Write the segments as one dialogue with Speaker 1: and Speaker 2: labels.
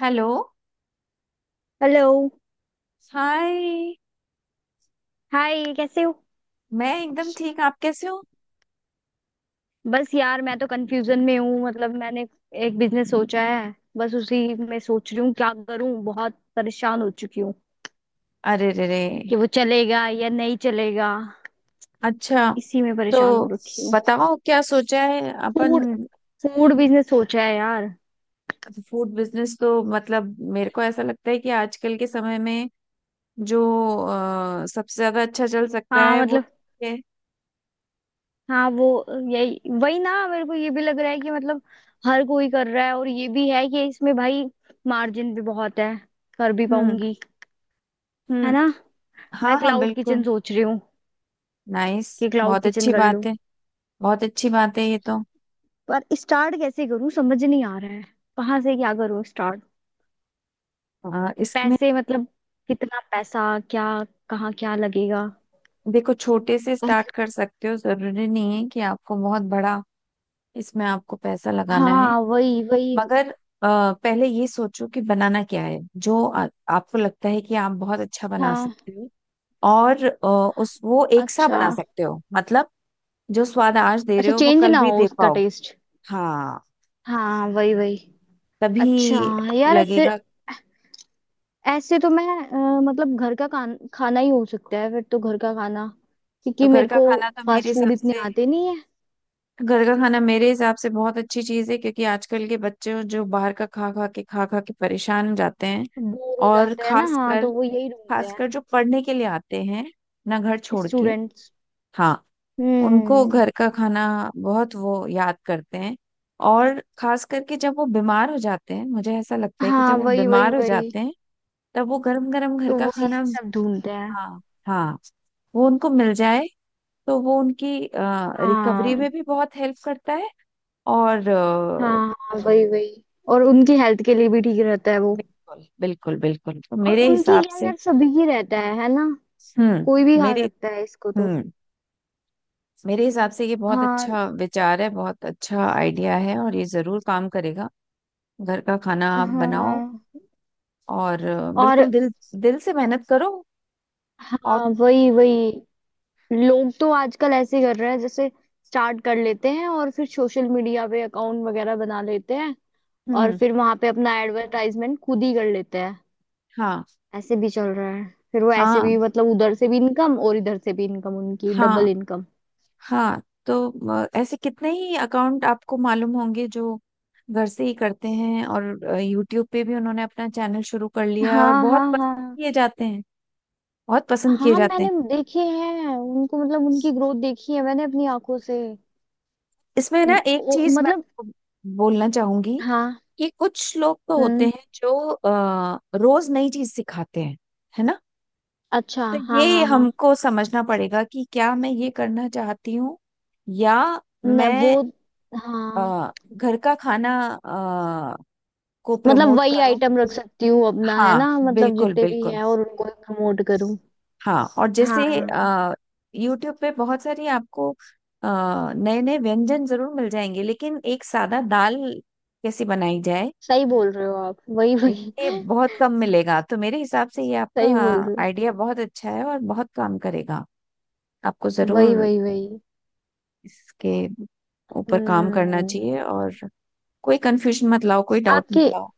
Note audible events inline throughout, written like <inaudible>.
Speaker 1: Hello.
Speaker 2: Hello.
Speaker 1: Hi.
Speaker 2: Hi, कैसे हो?
Speaker 1: मैं एकदम ठीक। आप कैसे हो?
Speaker 2: बस यार, मैं तो कंफ्यूजन में हूँ। मतलब मैंने एक बिजनेस सोचा है, बस उसी में सोच रही हूँ क्या करूँ। बहुत परेशान हो चुकी हूँ
Speaker 1: अरे रे रे।
Speaker 2: कि वो चलेगा या नहीं चलेगा।
Speaker 1: अच्छा।
Speaker 2: इसी में
Speaker 1: तो
Speaker 2: परेशान हो रखी हूँ।
Speaker 1: बताओ क्या सोचा है अपन।
Speaker 2: फूड फूड बिजनेस सोचा है यार।
Speaker 1: फूड बिजनेस तो मतलब मेरे को ऐसा लगता है कि आजकल के समय में जो सबसे ज्यादा अच्छा चल सकता
Speaker 2: हाँ
Speaker 1: है वो
Speaker 2: मतलब,
Speaker 1: है।
Speaker 2: हाँ वो यही वही ना। मेरे को ये भी लग रहा है कि मतलब हर कोई कर रहा है, और ये भी है कि इसमें भाई मार्जिन भी बहुत है। कर भी
Speaker 1: हम्म।
Speaker 2: पाऊंगी, है
Speaker 1: हम्म।
Speaker 2: ना? मैं
Speaker 1: हाँ, हाँ,
Speaker 2: क्लाउड किचन
Speaker 1: बिल्कुल।
Speaker 2: सोच रही हूँ
Speaker 1: नाइस।
Speaker 2: कि क्लाउड
Speaker 1: बहुत
Speaker 2: किचन
Speaker 1: अच्छी
Speaker 2: कर लूं।
Speaker 1: बात है। बहुत अच्छी बात है ये तो।
Speaker 2: पर स्टार्ट कैसे करूं समझ नहीं आ रहा है। कहाँ से क्या करूं स्टार्ट?
Speaker 1: इसमें
Speaker 2: पैसे मतलब, कितना पैसा, क्या, कहाँ क्या लगेगा?
Speaker 1: देखो, छोटे से
Speaker 2: कौन
Speaker 1: स्टार्ट
Speaker 2: से-
Speaker 1: कर सकते हो, जरूरी नहीं है कि आपको बहुत बड़ा इसमें आपको पैसा लगाना है।
Speaker 2: हाँ वही वही।
Speaker 1: मगर पहले ये सोचो कि बनाना क्या है, जो आपको लगता है कि आप बहुत अच्छा बना
Speaker 2: हाँ,
Speaker 1: सकते हो। और उस वो एक सा
Speaker 2: अच्छा।
Speaker 1: बना सकते हो मतलब, जो स्वाद आज दे रहे
Speaker 2: अच्छा,
Speaker 1: हो वो
Speaker 2: चेंज
Speaker 1: कल
Speaker 2: ना
Speaker 1: भी
Speaker 2: हो
Speaker 1: दे
Speaker 2: उसका
Speaker 1: पाओगे।
Speaker 2: टेस्ट।
Speaker 1: हाँ,
Speaker 2: हाँ वही वही। अच्छा
Speaker 1: तभी
Speaker 2: यार, फिर
Speaker 1: लगेगा।
Speaker 2: ऐसे तो मैं मतलब खाना ही हो सकता है फिर। तो घर का खाना,
Speaker 1: तो
Speaker 2: क्योंकि
Speaker 1: घर
Speaker 2: मेरे
Speaker 1: का
Speaker 2: को
Speaker 1: खाना तो मेरे
Speaker 2: फास्ट फूड
Speaker 1: हिसाब
Speaker 2: इतने
Speaker 1: से,
Speaker 2: आते नहीं है।
Speaker 1: घर का खाना मेरे हिसाब से बहुत अच्छी चीज है, क्योंकि आजकल के बच्चे जो बाहर का खा खा के परेशान हो जाते हैं।
Speaker 2: बोर हो
Speaker 1: और
Speaker 2: जाते हैं ना, हाँ।
Speaker 1: खासकर,
Speaker 2: तो वो यही ढूंढते हैं।
Speaker 1: खासकर जो पढ़ने के लिए आते हैं अपना घर छोड़ के।
Speaker 2: स्टूडेंट्स।
Speaker 1: हाँ। उनको
Speaker 2: हम्म।
Speaker 1: घर का खाना बहुत वो याद करते हैं। और खास करके जब वो बीमार हो जाते हैं, मुझे ऐसा लगता है कि जब
Speaker 2: हाँ
Speaker 1: वो
Speaker 2: वही वही
Speaker 1: बीमार हो
Speaker 2: वही।
Speaker 1: जाते हैं तब वो गरम गरम घर
Speaker 2: तो
Speaker 1: का
Speaker 2: वो यही
Speaker 1: खाना।
Speaker 2: सब ढूंढते हैं।
Speaker 1: हाँ, हाँ। वो उनको मिल जाए तो वो उनकी रिकवरी
Speaker 2: हाँ।
Speaker 1: में भी बहुत हेल्प करता है। और
Speaker 2: हाँ, हाँ वही वही। और उनकी हेल्थ के लिए भी ठीक रहता है वो।
Speaker 1: बिल्कुल, बिल्कुल, बिल्कुल। तो
Speaker 2: और उनकी क्या यार, सभी की रहता है ना? कोई भी
Speaker 1: हम्म
Speaker 2: खा
Speaker 1: मेरे
Speaker 2: सकता है इसको तो।
Speaker 1: हम्म मेरे हिसाब से ये बहुत
Speaker 2: हाँ।
Speaker 1: अच्छा विचार है, बहुत अच्छा आइडिया है, और ये जरूर काम करेगा। घर का खाना आप बनाओ,
Speaker 2: हाँ
Speaker 1: और बिल्कुल
Speaker 2: और
Speaker 1: दिल दिल से मेहनत करो। और।
Speaker 2: हाँ वही वही। लोग तो आजकल ऐसे कर रहे हैं, जैसे स्टार्ट कर लेते हैं और फिर सोशल मीडिया पे अकाउंट वगैरह बना लेते हैं, और
Speaker 1: हम्म।
Speaker 2: फिर वहां पे अपना एडवर्टाइजमेंट खुद ही कर लेते हैं।
Speaker 1: हाँ,
Speaker 2: ऐसे भी चल रहा है। फिर वो ऐसे
Speaker 1: हाँ,
Speaker 2: भी मतलब उधर से भी इनकम और इधर से भी इनकम, उनकी
Speaker 1: हाँ।
Speaker 2: Double income.
Speaker 1: हाँ, तो ऐसे कितने ही अकाउंट आपको मालूम होंगे जो घर से ही करते हैं, और यूट्यूब पे भी उन्होंने अपना चैनल शुरू कर लिया है, और
Speaker 2: हाँ
Speaker 1: बहुत
Speaker 2: हाँ
Speaker 1: पसंद
Speaker 2: हाँ।
Speaker 1: किए जाते हैं। बहुत पसंद किए
Speaker 2: हाँ
Speaker 1: जाते हैं।
Speaker 2: मैंने देखे हैं उनको। मतलब उनकी ग्रोथ देखी है मैंने अपनी आंखों से।
Speaker 1: इसमें ना एक चीज मैं
Speaker 2: मतलब
Speaker 1: आपको बोलना चाहूंगी,
Speaker 2: हाँ।
Speaker 1: कि कुछ लोग तो होते
Speaker 2: हम्म।
Speaker 1: हैं जो रोज नई चीज सिखाते हैं, है ना।
Speaker 2: अच्छा
Speaker 1: तो
Speaker 2: हाँ
Speaker 1: ये
Speaker 2: हाँ हाँ।
Speaker 1: हमको समझना पड़ेगा कि क्या मैं ये करना चाहती हूँ, या
Speaker 2: न, वो
Speaker 1: मैं
Speaker 2: हाँ
Speaker 1: घर का खाना अ, को
Speaker 2: मतलब
Speaker 1: प्रमोट
Speaker 2: वही
Speaker 1: करूँ।
Speaker 2: आइटम रख सकती हूँ अपना, है
Speaker 1: हाँ,
Speaker 2: ना? मतलब
Speaker 1: बिल्कुल,
Speaker 2: जितने भी
Speaker 1: बिल्कुल।
Speaker 2: है और उनको प्रमोट करूँ।
Speaker 1: हाँ, और जैसे
Speaker 2: हाँ।
Speaker 1: YouTube पे बहुत सारी आपको नए नए व्यंजन जरूर मिल जाएंगे, लेकिन एक सादा दाल कैसे बनाई जाए,
Speaker 2: सही बोल रहे हो आप, वही वही
Speaker 1: ये
Speaker 2: <laughs>
Speaker 1: बहुत कम मिलेगा। तो मेरे हिसाब से ये आपका
Speaker 2: सही बोल रहे हो।
Speaker 1: आइडिया बहुत अच्छा है और बहुत काम करेगा। आपको
Speaker 2: वही
Speaker 1: जरूर
Speaker 2: वही वही।
Speaker 1: इसके ऊपर काम करना
Speaker 2: हम्म।
Speaker 1: चाहिए, और कोई कंफ्यूजन मत लाओ, कोई डाउट
Speaker 2: आपके,
Speaker 1: मत लाओ।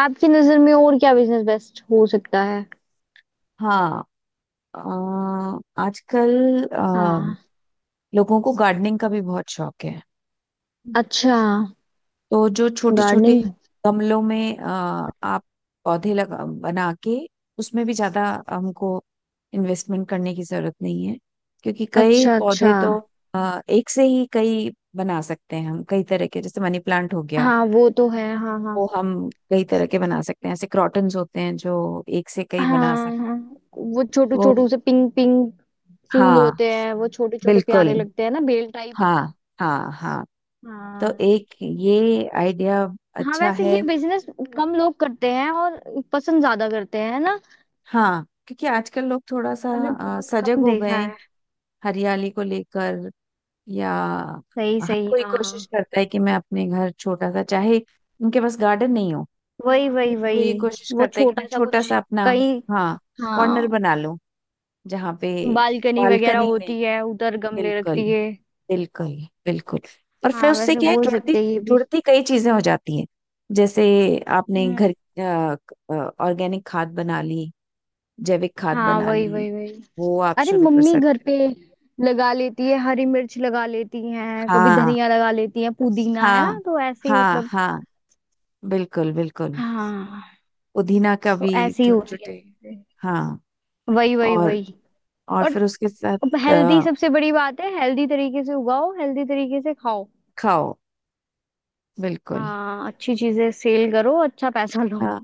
Speaker 2: आपकी नजर में और क्या बिजनेस बेस्ट हो सकता है?
Speaker 1: हाँ। अ, आजकल
Speaker 2: हाँ।
Speaker 1: अ, लोगों को गार्डनिंग का भी बहुत शौक है।
Speaker 2: अच्छा।
Speaker 1: तो जो छोटे छोटे
Speaker 2: गार्डनिंग।
Speaker 1: गमलों में आप पौधे लगा बना के, उसमें भी ज्यादा हमको इन्वेस्टमेंट करने की जरूरत नहीं है, क्योंकि कई
Speaker 2: अच्छा,
Speaker 1: पौधे
Speaker 2: अच्छा।
Speaker 1: तो एक से ही कई बना सकते हैं हम, कई तरह के, जैसे मनी प्लांट हो गया।
Speaker 2: हाँ वो तो है, हाँ हाँ।
Speaker 1: वो हम कई तरह के बना सकते हैं। ऐसे क्रॉटन्स होते हैं जो एक से कई
Speaker 2: हाँ
Speaker 1: बना सकते
Speaker 2: हाँ, वो छोटू
Speaker 1: हैं
Speaker 2: छोटू
Speaker 1: वो।
Speaker 2: से पिंक पिंक फूल
Speaker 1: हाँ,
Speaker 2: होते हैं वो छोटे छोटे,
Speaker 1: बिल्कुल।
Speaker 2: प्यारे लगते हैं ना, बेल टाइप।
Speaker 1: हाँ, हाँ, हाँ। तो
Speaker 2: हाँ।
Speaker 1: एक ये आइडिया
Speaker 2: हाँ
Speaker 1: अच्छा
Speaker 2: वैसे ये
Speaker 1: है।
Speaker 2: बिजनेस कम लोग करते हैं और पसंद ज्यादा करते हैं ना।
Speaker 1: हाँ, क्योंकि आजकल लोग थोड़ा सा
Speaker 2: मैंने बहुत
Speaker 1: सजग
Speaker 2: कम
Speaker 1: हो गए
Speaker 2: देखा
Speaker 1: हैं,
Speaker 2: है।
Speaker 1: हरियाली को लेकर। या
Speaker 2: सही
Speaker 1: हर
Speaker 2: सही
Speaker 1: कोई कोशिश
Speaker 2: हाँ।
Speaker 1: करता है कि मैं अपने घर छोटा सा, चाहे उनके पास गार्डन नहीं हो,
Speaker 2: वही वही
Speaker 1: वो
Speaker 2: वही।
Speaker 1: ये कोशिश
Speaker 2: वो
Speaker 1: करता है कि मैं
Speaker 2: छोटा सा
Speaker 1: छोटा
Speaker 2: कुछ
Speaker 1: सा अपना,
Speaker 2: कहीं।
Speaker 1: हाँ, कॉर्नर
Speaker 2: हाँ।
Speaker 1: बना लूं, जहाँ पे
Speaker 2: बालकनी वगैरह
Speaker 1: बालकनी में।
Speaker 2: होती है, उधर गमले
Speaker 1: बिल्कुल,
Speaker 2: रखती है।
Speaker 1: बिल्कुल, बिल्कुल। और फिर
Speaker 2: हाँ
Speaker 1: उससे
Speaker 2: वैसे
Speaker 1: क्या है
Speaker 2: बोल
Speaker 1: जुड़ती,
Speaker 2: सकते हैं ये भी।
Speaker 1: जुड़ती कई चीजें हो जाती हैं। जैसे आपने
Speaker 2: हम्म।
Speaker 1: घर ऑर्गेनिक खाद बना ली, जैविक खाद
Speaker 2: हाँ
Speaker 1: बना
Speaker 2: वही
Speaker 1: ली,
Speaker 2: वही वही।
Speaker 1: वो आप
Speaker 2: अरे
Speaker 1: शुरू कर
Speaker 2: मम्मी घर
Speaker 1: सकते
Speaker 2: पे लगा लेती है, हरी मिर्च लगा लेती
Speaker 1: हो।
Speaker 2: हैं, कभी
Speaker 1: हाँ,
Speaker 2: धनिया लगा लेती हैं, पुदीना, है
Speaker 1: हाँ,
Speaker 2: ना? तो ऐसे ही
Speaker 1: हाँ।
Speaker 2: मतलब।
Speaker 1: हाँ, बिल्कुल, बिल्कुल।
Speaker 2: हाँ।
Speaker 1: पुदीना का
Speaker 2: तो
Speaker 1: भी
Speaker 2: ऐसी ही होती है
Speaker 1: चुटचुटे।
Speaker 2: चीजें।
Speaker 1: हाँ।
Speaker 2: वही वही
Speaker 1: और
Speaker 2: वही।
Speaker 1: और
Speaker 2: और
Speaker 1: फिर उसके साथ
Speaker 2: हेल्दी
Speaker 1: अ,
Speaker 2: सबसे बड़ी बात है। हेल्दी तरीके से उगाओ, हेल्दी तरीके से खाओ।
Speaker 1: खाओ, बिल्कुल।
Speaker 2: हाँ अच्छी चीजें सेल करो, अच्छा पैसा लो।
Speaker 1: हाँ,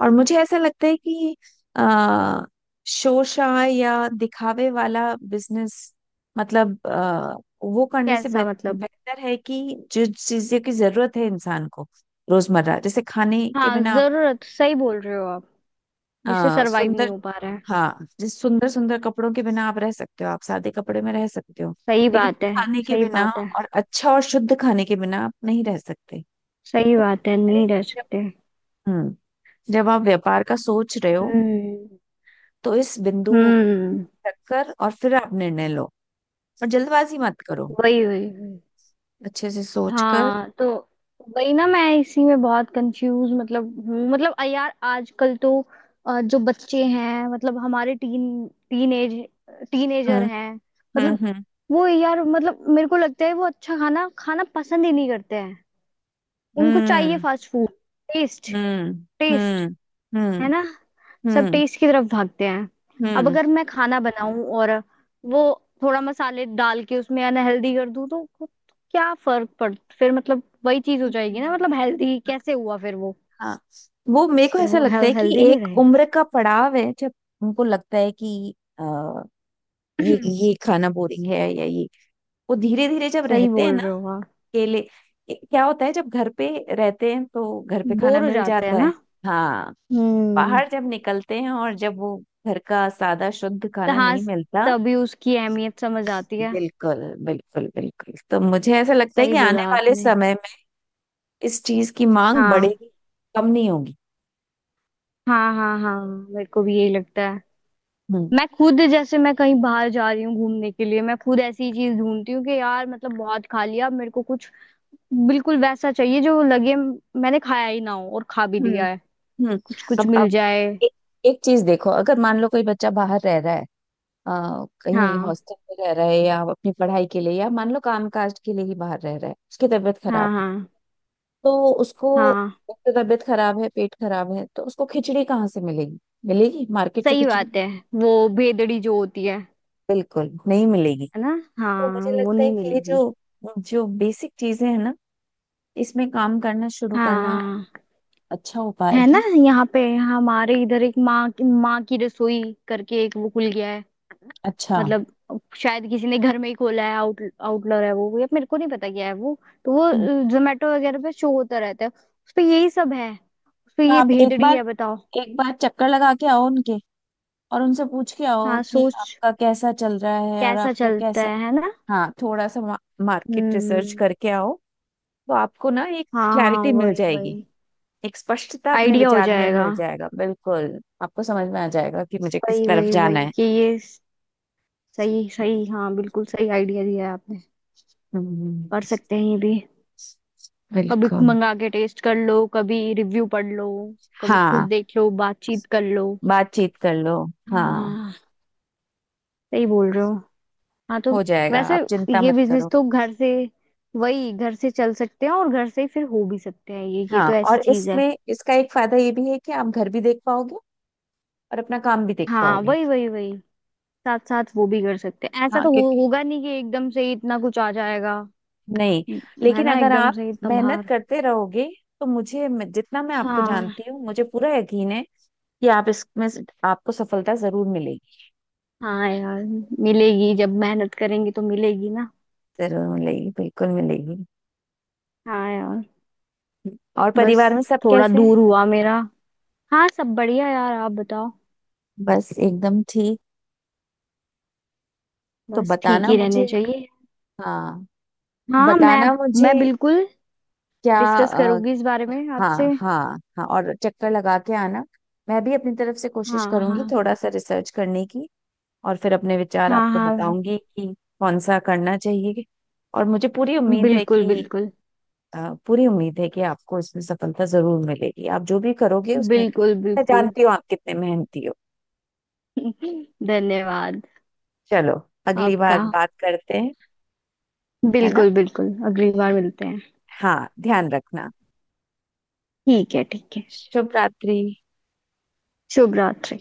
Speaker 1: और मुझे ऐसा लगता है कि आ, शोशा या दिखावे वाला बिजनेस, मतलब वो करने से
Speaker 2: कैसा मतलब?
Speaker 1: बेहतर है कि जो चीजों की जरूरत है इंसान को, रोजमर्रा, जैसे खाने के
Speaker 2: हाँ
Speaker 1: बिना आप,
Speaker 2: जरूरत, सही बोल रहे हो आप। जिससे सरवाइव नहीं
Speaker 1: सुंदर,
Speaker 2: हो पा रहा है।
Speaker 1: हाँ, जिस सुंदर सुंदर कपड़ों के बिना आप रह सकते हो, आप सादे कपड़े में रह सकते हो,
Speaker 2: सही
Speaker 1: लेकिन
Speaker 2: बात है।
Speaker 1: खाने के
Speaker 2: सही
Speaker 1: बिना,
Speaker 2: बात है।
Speaker 1: और अच्छा और शुद्ध खाने के बिना आप नहीं रह सकते।
Speaker 2: सही
Speaker 1: तो मुझे
Speaker 2: बात है,
Speaker 1: लगता है
Speaker 2: नहीं रह
Speaker 1: कि
Speaker 2: सकते।
Speaker 1: जब, हम्म जब आप व्यापार का सोच रहे हो,
Speaker 2: हम्म।
Speaker 1: तो इस बिंदु को
Speaker 2: हम्म।
Speaker 1: रखकर, और फिर आप निर्णय लो, और जल्दबाजी मत करो,
Speaker 2: वही वही वही।
Speaker 1: अच्छे से सोच कर।
Speaker 2: हाँ तो वही ना, मैं इसी में बहुत कंफ्यूज मतलब हूँ। मतलब अ यार, आजकल तो जो बच्चे हैं मतलब हमारे टीनेजर
Speaker 1: हम्म।
Speaker 2: हैं। मतलब
Speaker 1: हम्म।
Speaker 2: वो यार, मतलब मेरे को लगता है वो अच्छा खाना खाना पसंद ही नहीं करते हैं। उनको चाहिए
Speaker 1: हम्म।
Speaker 2: फास्ट फूड, टेस्ट,
Speaker 1: हम्म।
Speaker 2: टेस्ट,
Speaker 1: हम्म।
Speaker 2: है
Speaker 1: हम्म।
Speaker 2: ना? सब
Speaker 1: हम्म।
Speaker 2: टेस्ट की तरफ भागते हैं। अब
Speaker 1: हम्म।
Speaker 2: अगर मैं खाना बनाऊं और वो थोड़ा मसाले डाल के उसमें अनहेल्दी कर दूं, तो क्या फर्क पड़, फिर मतलब वही चीज हो
Speaker 1: नहीं,
Speaker 2: जाएगी ना।
Speaker 1: नहीं,
Speaker 2: मतलब
Speaker 1: नहीं।
Speaker 2: हेल्दी कैसे हुआ फिर वो?
Speaker 1: हाँ, वो मेरे को
Speaker 2: फिर
Speaker 1: ऐसा
Speaker 2: वो
Speaker 1: लगता है कि
Speaker 2: हेल्दी नहीं
Speaker 1: एक
Speaker 2: रहेगा।
Speaker 1: उम्र का पड़ाव है, जब उनको लगता है कि आ, ये ये खाना बोरिंग है, या ये, वो धीरे धीरे जब
Speaker 2: <clears throat> सही
Speaker 1: रहते हैं
Speaker 2: बोल
Speaker 1: ना,
Speaker 2: रहे हो आप।
Speaker 1: अकेले। क्या होता है जब घर पे रहते हैं तो घर पे खाना
Speaker 2: बोर हो
Speaker 1: मिल
Speaker 2: जाते हैं
Speaker 1: जाता
Speaker 2: ना।
Speaker 1: है। हाँ।
Speaker 2: हम्म।
Speaker 1: बाहर जब निकलते हैं, और जब वो घर का सादा शुद्ध
Speaker 2: तो
Speaker 1: खाना
Speaker 2: हाँ,
Speaker 1: नहीं मिलता।
Speaker 2: तभी उसकी अहमियत समझ आती है।
Speaker 1: बिल्कुल, बिल्कुल, बिल्कुल। तो मुझे ऐसा लगता है
Speaker 2: सही
Speaker 1: कि आने
Speaker 2: बोला
Speaker 1: वाले
Speaker 2: आपने।
Speaker 1: समय में इस चीज की मांग
Speaker 2: हाँ
Speaker 1: बढ़ेगी, कम नहीं होगी।
Speaker 2: हाँ हाँ, हाँ मेरे को भी यही लगता है।
Speaker 1: हम्म।
Speaker 2: मैं खुद जैसे मैं कहीं बाहर जा रही हूँ घूमने के लिए, मैं खुद ऐसी चीज ढूंढती हूँ कि यार मतलब बहुत खा लिया, अब मेरे को कुछ बिल्कुल वैसा चाहिए जो लगे मैंने खाया ही ना हो, और खा भी
Speaker 1: हम्म।
Speaker 2: लिया है।
Speaker 1: हम्म।
Speaker 2: कुछ कुछ
Speaker 1: अब
Speaker 2: मिल जाए।
Speaker 1: एक, एक चीज देखो। अगर मान लो कोई बच्चा बाहर रह रहा है, कहीं
Speaker 2: हाँ।
Speaker 1: हॉस्टल में रह रहा है, या अपनी पढ़ाई के लिए, या मान लो काम काज के लिए ही बाहर रह रहा है, उसकी तबीयत
Speaker 2: हाँ
Speaker 1: खराब है।
Speaker 2: हाँ।
Speaker 1: तो उसको,
Speaker 2: हाँ
Speaker 1: एक तो तबीयत खराब है, पेट खराब है, तो उसको खिचड़ी कहाँ से मिलेगी? मिलेगी मार्केट से
Speaker 2: सही
Speaker 1: खिचड़ी?
Speaker 2: बात है, वो भेदड़ी जो होती है
Speaker 1: बिल्कुल नहीं मिलेगी।
Speaker 2: है ना?
Speaker 1: तो
Speaker 2: हाँ
Speaker 1: मुझे
Speaker 2: वो
Speaker 1: लगता है
Speaker 2: नहीं
Speaker 1: कि ये
Speaker 2: मिलेगी।
Speaker 1: जो जो बेसिक चीजें हैं ना, इसमें काम करना शुरू करना
Speaker 2: हाँ।
Speaker 1: अच्छा उपाय
Speaker 2: है ना?
Speaker 1: है।
Speaker 2: यहाँ पे हमारे इधर एक माँ की रसोई करके एक वो खुल गया है।
Speaker 1: अच्छा।
Speaker 2: मतलब शायद किसी ने घर में ही खोला है, आउट आउटलर है वो, या मेरे को नहीं पता क्या है वो। तो वो
Speaker 1: हम्म।
Speaker 2: जोमेटो वगैरह पे शो होता रहता है, उस पे यही सब है। उस पे
Speaker 1: तो
Speaker 2: ये
Speaker 1: आप एक
Speaker 2: भेदड़ी
Speaker 1: बार,
Speaker 2: है, बताओ।
Speaker 1: एक बार चक्कर लगा के आओ उनके, और उनसे पूछ के आओ
Speaker 2: हाँ
Speaker 1: कि
Speaker 2: सोच,
Speaker 1: आपका कैसा चल रहा है, और
Speaker 2: कैसा
Speaker 1: आपको
Speaker 2: चलता
Speaker 1: कैसा।
Speaker 2: है ना।
Speaker 1: हाँ, थोड़ा सा मार्केट रिसर्च
Speaker 2: हम्म।
Speaker 1: करके आओ, तो आपको ना एक
Speaker 2: हाँ हाँ
Speaker 1: क्लैरिटी मिल
Speaker 2: वही
Speaker 1: जाएगी,
Speaker 2: वही।
Speaker 1: एक स्पष्टता अपने
Speaker 2: आइडिया हो
Speaker 1: विचार में
Speaker 2: जाएगा।
Speaker 1: मिल जाएगा, बिल्कुल आपको समझ में आ जाएगा कि मुझे किस
Speaker 2: वही
Speaker 1: तरफ
Speaker 2: वही
Speaker 1: जाना
Speaker 2: वही
Speaker 1: है।
Speaker 2: कि ये। सही सही हाँ, बिल्कुल सही आइडिया दिया है आपने।
Speaker 1: हम्म।
Speaker 2: कर सकते हैं ये भी। कभी
Speaker 1: बिल्कुल।
Speaker 2: मंगा के टेस्ट कर लो, कभी रिव्यू पढ़ लो, कभी खुद
Speaker 1: हाँ,
Speaker 2: देख लो, बातचीत कर लो।
Speaker 1: बातचीत कर लो। हाँ।
Speaker 2: हाँ। सही बोल रहे हो। हाँ तो
Speaker 1: हो जाएगा,
Speaker 2: वैसे
Speaker 1: आप चिंता
Speaker 2: ये
Speaker 1: मत
Speaker 2: बिजनेस
Speaker 1: करो।
Speaker 2: तो घर से, वही घर से चल सकते हैं, और घर से ही फिर हो भी सकते हैं। ये
Speaker 1: हाँ,
Speaker 2: तो ऐसी
Speaker 1: और
Speaker 2: चीज है।
Speaker 1: इसमें इसका एक फायदा ये भी है कि आप घर भी देख पाओगे, और अपना काम भी देख
Speaker 2: हाँ
Speaker 1: पाओगे।
Speaker 2: वही वही वही। साथ साथ वो भी कर सकते हैं। ऐसा
Speaker 1: हाँ,
Speaker 2: तो
Speaker 1: क्योंकि,
Speaker 2: होगा नहीं कि एकदम से ही इतना कुछ आ जाएगा।
Speaker 1: नहीं,
Speaker 2: है
Speaker 1: लेकिन
Speaker 2: ना?
Speaker 1: अगर
Speaker 2: एकदम
Speaker 1: आप
Speaker 2: से ही इतना
Speaker 1: मेहनत
Speaker 2: भार।
Speaker 1: करते रहोगे, तो जितना मैं आपको
Speaker 2: हाँ।
Speaker 1: जानती हूँ, मुझे पूरा यकीन है कि आप इसमें आपको सफलता जरूर मिलेगी।
Speaker 2: हाँ यार, मिलेगी। जब मेहनत करेंगे तो मिलेगी ना।
Speaker 1: जरूर मिलेगी, बिल्कुल मिलेगी।
Speaker 2: हाँ यार।
Speaker 1: और
Speaker 2: बस
Speaker 1: परिवार में सब
Speaker 2: थोड़ा
Speaker 1: कैसे हैं?
Speaker 2: दूर हुआ मेरा। हाँ सब बढ़िया यार, आप बताओ।
Speaker 1: बस एकदम ठीक। तो
Speaker 2: बस ठीक
Speaker 1: बताना
Speaker 2: ही
Speaker 1: मुझे।
Speaker 2: रहने चाहिए।
Speaker 1: हाँ,
Speaker 2: हाँ मैं
Speaker 1: बताना मुझे
Speaker 2: मैं बिल्कुल
Speaker 1: क्या,
Speaker 2: डिस्कस करूंगी इस बारे में
Speaker 1: हाँ,
Speaker 2: आपसे।
Speaker 1: हाँ, हाँ। और चक्कर लगा के आना। मैं भी अपनी तरफ से कोशिश
Speaker 2: हाँ
Speaker 1: करूंगी
Speaker 2: हाँ।
Speaker 1: थोड़ा सा रिसर्च करने की, और फिर अपने विचार
Speaker 2: हाँ
Speaker 1: आपको
Speaker 2: हाँ।
Speaker 1: बताऊंगी कि कौन सा करना चाहिए। और मुझे पूरी उम्मीद है
Speaker 2: बिल्कुल
Speaker 1: कि,
Speaker 2: बिल्कुल।
Speaker 1: पूरी उम्मीद है कि आपको इसमें सफलता जरूर मिलेगी, आप जो भी करोगे उसमें।
Speaker 2: बिल्कुल
Speaker 1: मैं
Speaker 2: बिल्कुल।
Speaker 1: जानती हूँ आप कितने मेहनती हो।
Speaker 2: <laughs> धन्यवाद
Speaker 1: चलो, अगली
Speaker 2: आपका।
Speaker 1: बार बात करते हैं, है ना।
Speaker 2: बिल्कुल बिल्कुल, अगली बार मिलते हैं।
Speaker 1: हाँ, ध्यान रखना।
Speaker 2: ठीक है, ठीक है।
Speaker 1: शुभ रात्रि।
Speaker 2: शुभ रात्रि।